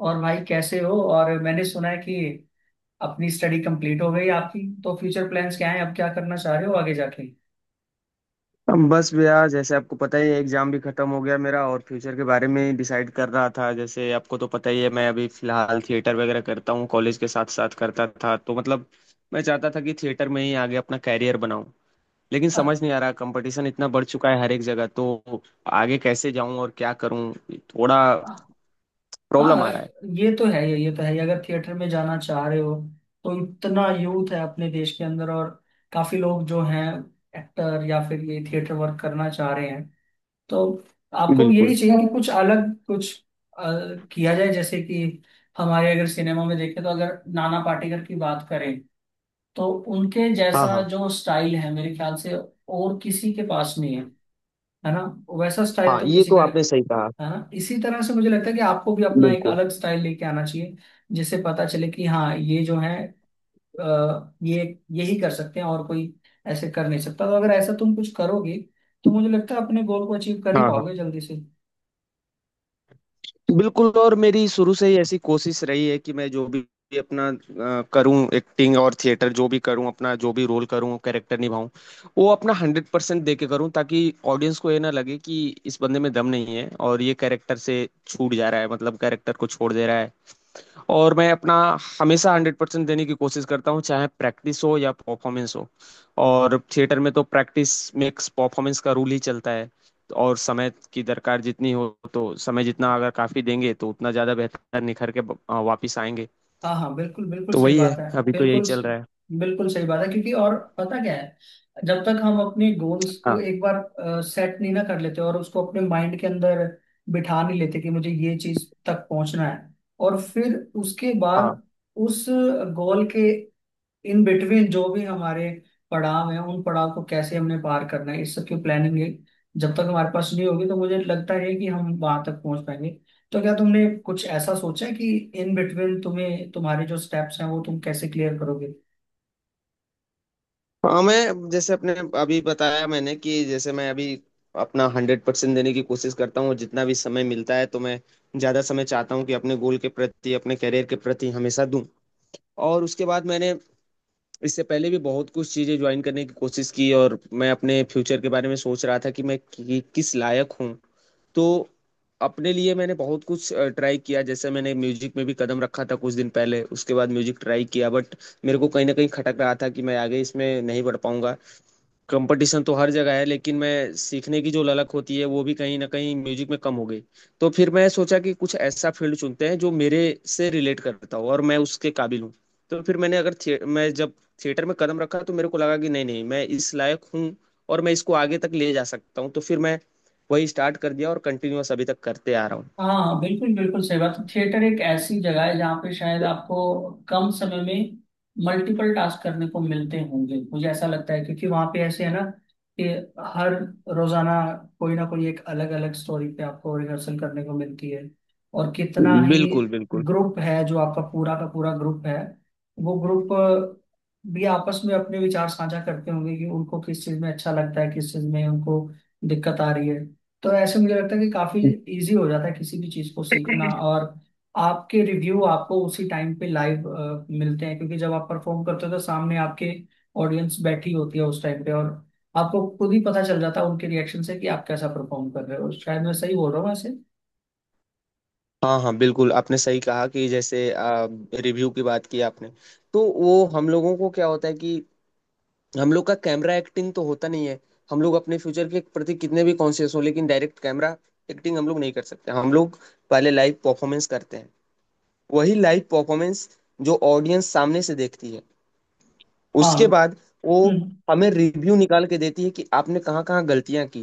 और भाई कैसे हो? और मैंने सुना है कि अपनी स्टडी कंप्लीट हो गई आपकी, तो फ्यूचर प्लान्स क्या हैं? अब क्या करना चाह रहे हो आगे जाके? हम बस भैया, जैसे आपको पता ही है, एग्जाम भी खत्म हो गया मेरा और फ्यूचर के बारे में डिसाइड कर रहा था। जैसे आपको तो पता ही है, मैं अभी फिलहाल थिएटर वगैरह करता हूँ, कॉलेज के साथ साथ करता था, तो मतलब मैं चाहता था कि थिएटर में ही आगे अपना कैरियर बनाऊं। लेकिन अ- समझ नहीं आ रहा, कंपटीशन इतना बढ़ चुका है हर एक जगह, तो आगे कैसे जाऊं और क्या करूं। थोड़ा प्रॉब्लम हाँ, आ रहा है। ये तो है, ये तो है। अगर थिएटर में जाना चाह रहे हो तो इतना यूथ है अपने देश के अंदर, और काफी लोग जो हैं एक्टर या फिर ये थिएटर वर्क करना चाह रहे हैं, तो आपको यही बिल्कुल। चाहिए कि कुछ अलग कुछ अ, किया जाए। जैसे कि हमारे अगर सिनेमा में देखें, तो अगर नाना पाटेकर की बात करें तो उनके हाँ जैसा हाँ। जो स्टाइल है, मेरे ख्याल से और किसी के पास नहीं है। है ना? वैसा स्टाइल हाँ, तो ये किसी तो का नहीं। आपने सही कहा। है ना? इसी तरह से मुझे लगता है कि आपको भी अपना एक बिल्कुल। अलग स्टाइल लेके आना चाहिए, जिससे पता चले कि हाँ, ये जो है ये यही कर सकते हैं और कोई ऐसे कर नहीं सकता। तो अगर ऐसा तुम कुछ करोगे तो मुझे लगता है अपने गोल को अचीव कर ही हाँ हाँ। पाओगे जल्दी से। बिल्कुल, और मेरी शुरू से ही ऐसी कोशिश रही है कि मैं जो भी अपना करूं, एक्टिंग और थिएटर जो भी करूं, अपना जो भी रोल करूं, कैरेक्टर निभाऊं, वो अपना 100% दे के करूं, ताकि ऑडियंस को ये ना लगे कि इस बंदे में दम नहीं है और ये कैरेक्टर से छूट जा रहा है, मतलब कैरेक्टर को छोड़ दे रहा है। और मैं अपना हमेशा 100% देने की कोशिश करता हूँ, चाहे प्रैक्टिस हो या परफॉर्मेंस हो। और थिएटर में तो प्रैक्टिस मेक्स परफॉर्मेंस का रूल ही चलता है। और समय की दरकार जितनी हो, तो समय जितना अगर काफी देंगे तो उतना ज्यादा बेहतर निखर के वापिस आएंगे। हाँ हाँ, बिल्कुल, बिल्कुल तो सही वही बात है, है। अभी तो यही बिल्कुल चल रहा है। बिल्कुल सही बात है, क्योंकि और पता क्या है, जब तक हम अपने गोल्स को हाँ एक बार सेट नहीं ना कर लेते और उसको अपने माइंड के अंदर बिठा नहीं लेते कि मुझे ये चीज तक पहुंचना है, और फिर उसके हाँ। बाद उस गोल के इन बिटवीन जो भी हमारे पड़ाव हैं, उन पड़ाव को कैसे हमने पार करना है, इस सब की प्लानिंग है। जब तक हमारे पास नहीं होगी तो मुझे लगता है कि हम वहां तक पहुंच पाएंगे। तो क्या तुमने कुछ ऐसा सोचा है कि इन बिटवीन तुम्हें तुम्हारे जो स्टेप्स हैं वो तुम कैसे क्लियर करोगे? हाँ, मैं जैसे अपने अभी बताया मैंने कि जैसे मैं अभी अपना 100% देने की कोशिश करता हूँ, और जितना भी समय मिलता है तो मैं ज़्यादा समय चाहता हूँ कि अपने गोल के प्रति, अपने करियर के प्रति हमेशा दूँ। और उसके बाद मैंने, इससे पहले भी बहुत कुछ चीज़ें ज्वाइन करने की कोशिश की, और मैं अपने फ्यूचर के बारे में सोच रहा था कि मैं किस लायक हूँ। तो अपने लिए मैंने बहुत कुछ ट्राई किया। जैसे मैंने म्यूजिक में भी कदम रखा था कुछ दिन पहले, उसके बाद म्यूजिक ट्राई किया, बट मेरे को कहीं ना कहीं खटक रहा था कि मैं आगे इसमें नहीं बढ़ पाऊंगा। कंपटीशन तो हर जगह है, लेकिन मैं सीखने की जो ललक होती है वो भी कहीं ना कहीं म्यूजिक में कम हो गई। तो फिर मैं सोचा कि कुछ ऐसा फील्ड चुनते हैं जो मेरे से रिलेट करता हो और मैं उसके काबिल हूँ। तो फिर मैंने अगर थिए मैं जब थिएटर में कदम रखा तो मेरे को लगा कि नहीं नहीं, मैं इस लायक हूँ और मैं इसको आगे तक ले जा सकता हूँ। तो फिर मैं वही स्टार्ट कर दिया और कंटिन्यूअस अभी तक करते आ रहा हूँ। हाँ बिल्कुल, बिल्कुल सही बात है। थिएटर एक ऐसी जगह है जहाँ पे शायद आपको कम समय में मल्टीपल टास्क करने को मिलते होंगे, मुझे ऐसा लगता है। क्योंकि वहाँ पे ऐसे है ना कि हर रोजाना कोई ना कोई एक अलग अलग स्टोरी पे आपको रिहर्सल करने को मिलती है। और कितना ही बिल्कुल बिल्कुल। ग्रुप है, जो आपका पूरा का पूरा ग्रुप है वो ग्रुप भी आपस में अपने विचार साझा करते होंगे कि उनको किस चीज़ में अच्छा लगता है, किस चीज़ में उनको दिक्कत आ रही है। तो ऐसे मुझे लगता है कि काफी इजी हो जाता है किसी भी चीज को सीखना। और आपके रिव्यू आपको उसी टाइम पे लाइव मिलते हैं, क्योंकि जब आप परफॉर्म करते हो तो सामने आपके ऑडियंस बैठी होती है उस टाइम पे, और आपको खुद ही पता चल जाता है उनके रिएक्शन से कि आप कैसा परफॉर्म कर रहे हो। शायद मैं सही बोल रहा हूँ वैसे। हाँ हाँ। बिल्कुल, आपने सही कहा, कि जैसे रिव्यू की बात की आपने, तो वो हम लोगों को क्या होता है कि हम लोग का कैमरा एक्टिंग तो होता नहीं है। हम लोग अपने फ्यूचर के प्रति कितने भी कॉन्शियस हो, लेकिन डायरेक्ट कैमरा एक्टिंग हम लोग नहीं कर सकते। हम लोग पहले लाइव परफॉर्मेंस करते हैं, वही लाइव परफॉर्मेंस जो ऑडियंस सामने से देखती है। हाँ, उसके बाद वो हम्म, हमें रिव्यू निकाल के देती है कि आपने कहाँ कहाँ गलतियां की।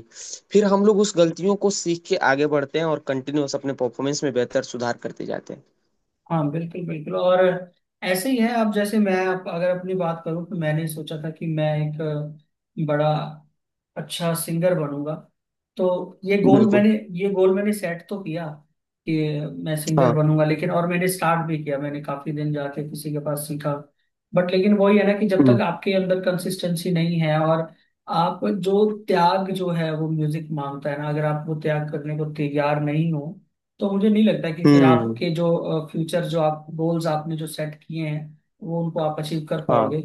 फिर हम लोग उस गलतियों को सीख के आगे बढ़ते हैं और कंटिन्यूअस अपने परफॉर्मेंस में बेहतर सुधार करते जाते हैं। हाँ बिल्कुल, बिल्कुल। और ऐसे ही है आप, जैसे मैं आप अगर अपनी बात करूँ तो मैंने सोचा था कि मैं एक बड़ा अच्छा सिंगर बनूंगा। तो ये गोल बिल्कुल। मैंने, ये गोल मैंने सेट तो किया कि मैं सिंगर हाँ। बनूंगा, लेकिन और मैंने स्टार्ट भी किया, मैंने काफी दिन जाके किसी के पास सीखा, बट लेकिन वही है ना, कि जब हम्म तक आपके अंदर कंसिस्टेंसी नहीं है और आप जो त्याग जो है वो म्यूजिक मांगता है ना, अगर आप वो त्याग करने को तैयार नहीं हो तो मुझे नहीं लगता कि फिर हम्म, आपके जो फ्यूचर, जो आप गोल्स आपने जो सेट किए हैं वो उनको आप अचीव कर हाँ। पाओगे।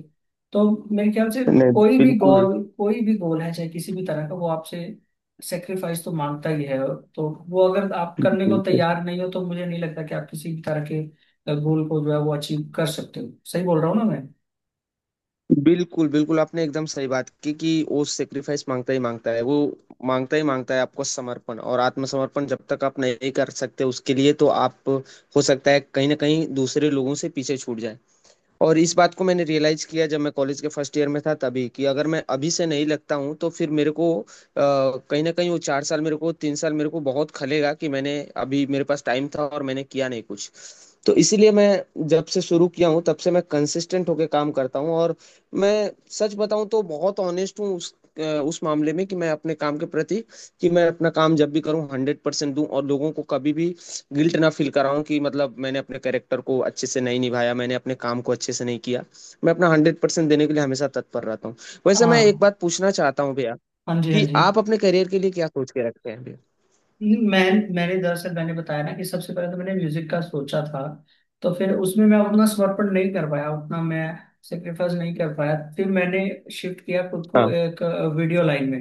तो मेरे ख्याल से नहीं। कोई भी बिल्कुल गोल, कोई भी गोल है चाहे किसी भी तरह का, वो आपसे सेक्रीफाइस तो मांगता ही है। तो वो अगर आप करने बिल्कुल को तैयार नहीं हो तो मुझे नहीं लगता कि आप किसी भी तरह के गोल को जो है वो अचीव कर सकते हो। सही बोल रहा हूँ ना मैं? बिल्कुल बिल्कुल, आपने एकदम सही बात की कि वो सेक्रीफाइस मांगता ही मांगता है। वो मांगता ही मांगता है, आपको समर्पण और आत्मसमर्पण जब तक आप नहीं कर सकते उसके लिए, तो आप हो सकता है कहीं ना कहीं दूसरे लोगों से पीछे छूट जाए। और इस बात को मैंने रियलाइज किया जब मैं कॉलेज के फर्स्ट ईयर में था, तभी कि अगर मैं अभी से नहीं लगता हूँ तो फिर मेरे को कहीं ना कहीं वो 4 साल मेरे को, 3 साल मेरे को बहुत खलेगा कि मैंने, अभी मेरे पास टाइम था और मैंने किया नहीं कुछ। तो इसीलिए मैं जब से शुरू किया हूँ, तब से मैं कंसिस्टेंट होके काम करता हूँ। और मैं सच बताऊँ तो बहुत ऑनेस्ट हूँ उस मामले में, कि मैं अपने काम के प्रति, कि मैं अपना काम जब भी करूँ 100% दूं, और लोगों को कभी भी गिल्ट ना फील कर रहा हूँ कि मतलब मैंने अपने कैरेक्टर को अच्छे से नहीं निभाया, मैंने अपने काम को अच्छे से नहीं किया। मैं अपना 100% देने के लिए हमेशा तत्पर रहता हूँ। वैसे मैं एक हाँ बात पूछना चाहता हूँ भैया, हाँ जी, हाँ कि जी। आप अपने करियर के लिए क्या सोच के रखते हैं भैया? मैं मैंने दरअसल मैंने बताया ना कि सबसे पहले तो मैंने म्यूजिक का सोचा था, तो फिर उसमें मैं उतना समर्पण नहीं कर पाया, उतना मैं सेक्रीफाइस नहीं कर पाया। फिर मैंने शिफ्ट किया खुद को हाँ। एक वीडियो लाइन में।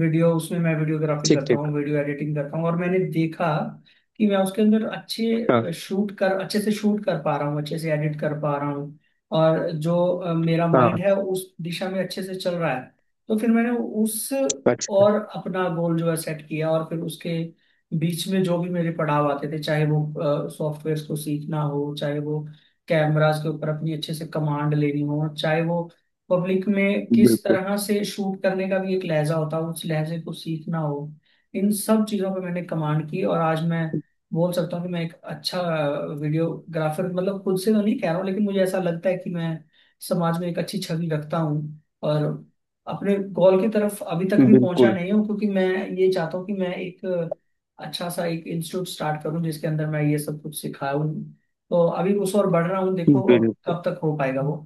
वीडियो, उसमें मैं वीडियोग्राफी ठीक करता ठीक। हूँ, वीडियो एडिटिंग करता हूँ। और मैंने देखा कि मैं उसके अंदर हाँ अच्छे शूट कर, अच्छे से शूट कर पा रहा हूँ, अच्छे से एडिट कर पा रहा हूँ। और जो मेरा माइंड हाँ। है उस दिशा में अच्छे से चल रहा है। तो फिर मैंने उस अच्छा। और अपना गोल जो है सेट किया, और फिर उसके बीच में जो भी मेरे पड़ाव आते थे, चाहे वो सॉफ्टवेयर को सीखना हो, चाहे वो कैमरास के ऊपर अपनी अच्छे से कमांड लेनी हो, चाहे वो पब्लिक में किस बिल्कुल तरह से शूट करने का भी एक लहजा होता हो, उस लहजे को सीखना हो, इन सब चीज़ों पे मैंने कमांड की। और आज मैं बोल सकता हूँ कि मैं एक अच्छा वीडियोग्राफर, मतलब खुद से तो नहीं कह रहा हूँ, लेकिन मुझे ऐसा लगता है कि मैं समाज में एक अच्छी छवि रखता हूँ। और अपने गोल की तरफ अभी तक भी पहुंचा बिल्कुल नहीं हूँ, क्योंकि मैं ये चाहता हूँ कि मैं एक अच्छा सा एक इंस्टीट्यूट स्टार्ट करूँ, जिसके अंदर मैं ये सब कुछ सिखाऊं। तो अभी उस और बढ़ रहा हूँ, देखो अब बिल्कुल कब तक हो पाएगा वो।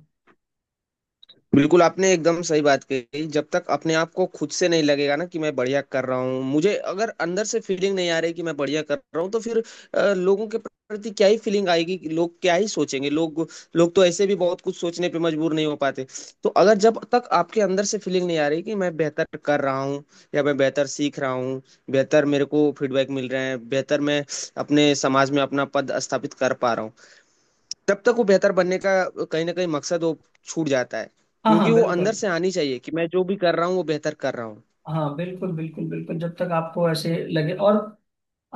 बिल्कुल, आपने एकदम सही बात कही। जब तक अपने आप को खुद से नहीं लगेगा ना कि मैं बढ़िया कर रहा हूँ, मुझे अगर अंदर से फीलिंग नहीं आ रही कि मैं बढ़िया कर रहा हूँ, तो फिर लोगों के प्रति क्या ही फीलिंग आएगी, कि लोग क्या ही सोचेंगे। लोग, लोग तो ऐसे भी बहुत कुछ सोचने पे मजबूर नहीं हो पाते। तो अगर, जब तक आपके अंदर से फीलिंग नहीं आ रही कि मैं बेहतर कर रहा हूँ या मैं बेहतर सीख रहा हूँ, बेहतर मेरे को फीडबैक मिल रहे हैं, बेहतर मैं अपने समाज में अपना पद स्थापित कर पा रहा हूँ, तब तक वो बेहतर बनने का कहीं ना कहीं मकसद वो छूट जाता है। हाँ क्योंकि हाँ, वो अंदर बिल्कुल। से आनी चाहिए कि मैं जो भी कर रहा हूँ वो बेहतर कर रहा हूँ। हाँ, बिल्कुल बिल्कुल बिल्कुल। जब तक आपको ऐसे लगे, और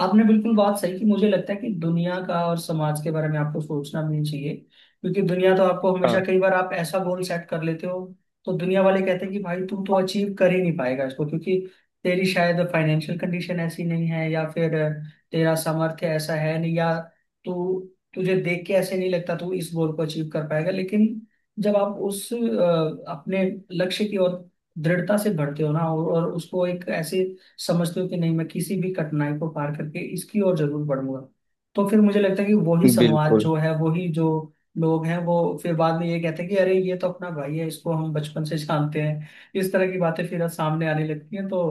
आपने बिल्कुल बात सही की, मुझे लगता है कि दुनिया का और समाज के बारे में आपको सोचना भी नहीं चाहिए। क्योंकि दुनिया तो आपको हमेशा, हाँ कई बार आप ऐसा गोल सेट कर लेते हो तो दुनिया वाले कहते हैं कि भाई तू तो अचीव कर ही नहीं पाएगा इसको, क्योंकि तेरी शायद फाइनेंशियल कंडीशन ऐसी नहीं है, या फिर तेरा सामर्थ्य ऐसा है नहीं, या तू, तुझे देख के ऐसे नहीं लगता तू इस गोल को अचीव कर पाएगा। लेकिन जब आप उस अपने लक्ष्य की ओर दृढ़ता से बढ़ते हो ना, और उसको एक ऐसे समझती हूँ कि नहीं, मैं किसी भी कठिनाई को पार करके इसकी ओर जरूर बढ़ूंगा, तो फिर मुझे लगता है कि वही समाज बिल्कुल जो है, वही जो लोग हैं वो फिर बाद में ये कहते हैं कि अरे ये तो अपना भाई है, इसको हम बचपन से जानते हैं। इस तरह की बातें फिर सामने आने लगती हैं। तो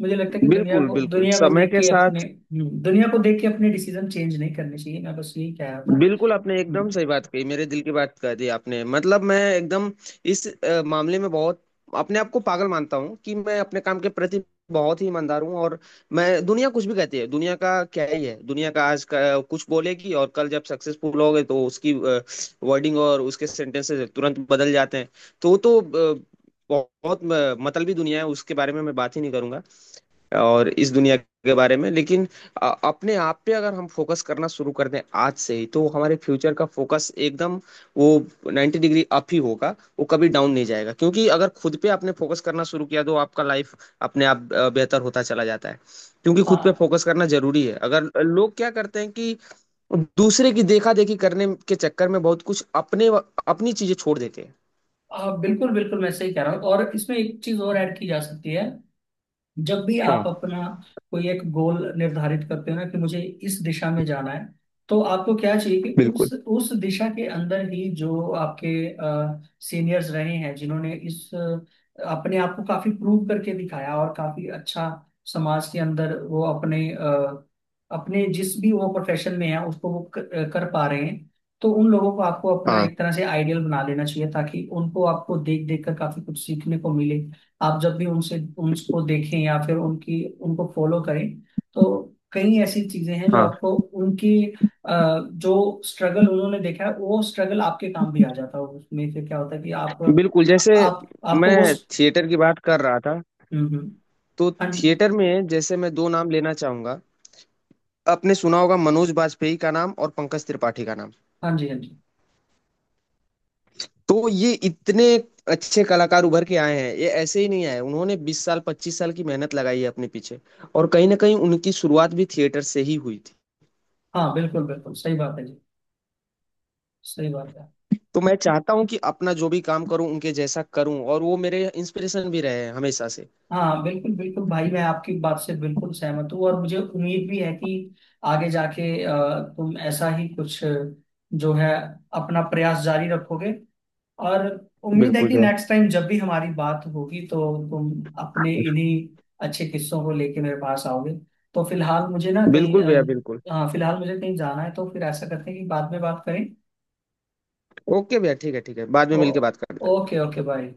मुझे लगता है कि दुनिया बिल्कुल। को बिल्कुल, दुनिया को समय देख के के अपने, साथ। दुनिया को देख के अपने डिसीजन चेंज नहीं करने चाहिए। मैं बस यही कह रहा था। बिल्कुल, आपने एकदम हम्म, सही बात कही, मेरे दिल की बात कह दी आपने। मतलब मैं एकदम इस मामले में बहुत अपने आप को पागल मानता हूँ कि मैं अपने काम के प्रति बहुत ही ईमानदार हूँ। और मैं, दुनिया कुछ भी कहती है, दुनिया का क्या ही है, दुनिया का आज का कुछ बोलेगी और कल जब सक्सेसफुल होगे तो उसकी वर्डिंग और उसके सेंटेंसेस तुरंत बदल जाते हैं। तो वो तो बहुत बहुत, मतलबी दुनिया है, उसके बारे में मैं बात ही नहीं करूंगा। और इस दुनिया के बारे में, लेकिन अपने आप पे अगर हम फोकस करना शुरू कर दें आज से ही, तो हमारे फ्यूचर का फोकस एकदम वो 90 डिग्री अप ही होगा, वो कभी डाउन नहीं जाएगा। क्योंकि अगर खुद पे आपने फोकस करना शुरू किया तो आपका लाइफ अपने आप बेहतर होता चला जाता है। क्योंकि खुद पे हाँ फोकस करना जरूरी है। अगर लोग क्या करते हैं कि दूसरे की देखा देखी करने के चक्कर में बहुत कुछ अपने, अपनी चीजें छोड़ देते हैं। हाँ, बिल्कुल बिल्कुल, मैं सही कह रहा हूँ। और इसमें एक चीज और ऐड की जा सकती है। जब भी आप हाँ अपना कोई एक गोल निर्धारित करते हो ना कि मुझे इस दिशा में जाना है, तो आपको क्या चाहिए कि बिल्कुल। उस दिशा के अंदर ही जो आपके सीनियर्स रहे हैं, जिन्होंने इस अपने आप को काफी प्रूव करके दिखाया और काफी अच्छा समाज के अंदर वो अपने अपने जिस भी वो प्रोफेशन में है उसको वो कर, कर पा रहे हैं, तो उन लोगों को आपको अपना हाँ एक तरह से आइडियल बना लेना चाहिए, ताकि उनको आपको देख देख कर काफी कुछ सीखने को मिले। आप जब भी उनसे उनको देखें या फिर उनकी उनको फॉलो करें, तो कई ऐसी चीजें हैं जो हाँ आपको उनकी जो स्ट्रगल उन्होंने देखा है, वो स्ट्रगल आपके काम भी आ जाता है। उसमें से क्या होता है कि आप, बिल्कुल, जैसे आप मैं आपको वो, थिएटर की बात कर रहा था, हम्म। तो हाँ जी थिएटर में जैसे मैं दो नाम लेना चाहूंगा। आपने सुना होगा मनोज बाजपेयी का नाम और पंकज त्रिपाठी का नाम। हाँ जी। हाँ जी, तो ये इतने अच्छे कलाकार उभर के आए हैं, ये ऐसे ही नहीं आए, उन्होंने 20 साल 25 साल की मेहनत लगाई है अपने पीछे। और कहीं ना कहीं उनकी शुरुआत भी थिएटर से ही हुई थी। हाँ बिल्कुल, बिल्कुल सही बात है जी, सही बात है। तो मैं चाहता हूँ कि अपना जो भी काम करूँ उनके जैसा करूँ, और वो मेरे इंस्पिरेशन भी रहे हैं हमेशा से। हाँ बिल्कुल, बिल्कुल भाई, मैं आपकी बात से बिल्कुल सहमत हूँ, और मुझे उम्मीद भी है कि आगे जाके तुम ऐसा ही कुछ जो है अपना प्रयास जारी रखोगे। और उम्मीद है बिल्कुल कि भैया। नेक्स्ट टाइम जब भी हमारी बात होगी तो तुम अपने इन्हीं अच्छे किस्सों को लेके मेरे पास आओगे। तो फिलहाल मुझे ना कहीं बिल्कुल भैया बिल्कुल। हाँ, फिलहाल मुझे कहीं जाना है तो फिर ऐसा करते हैं कि बाद में बात करें। ओके भैया, ठीक है ठीक है, बाद में ओ, मिलके बात करते हैं। Okay okay, bye.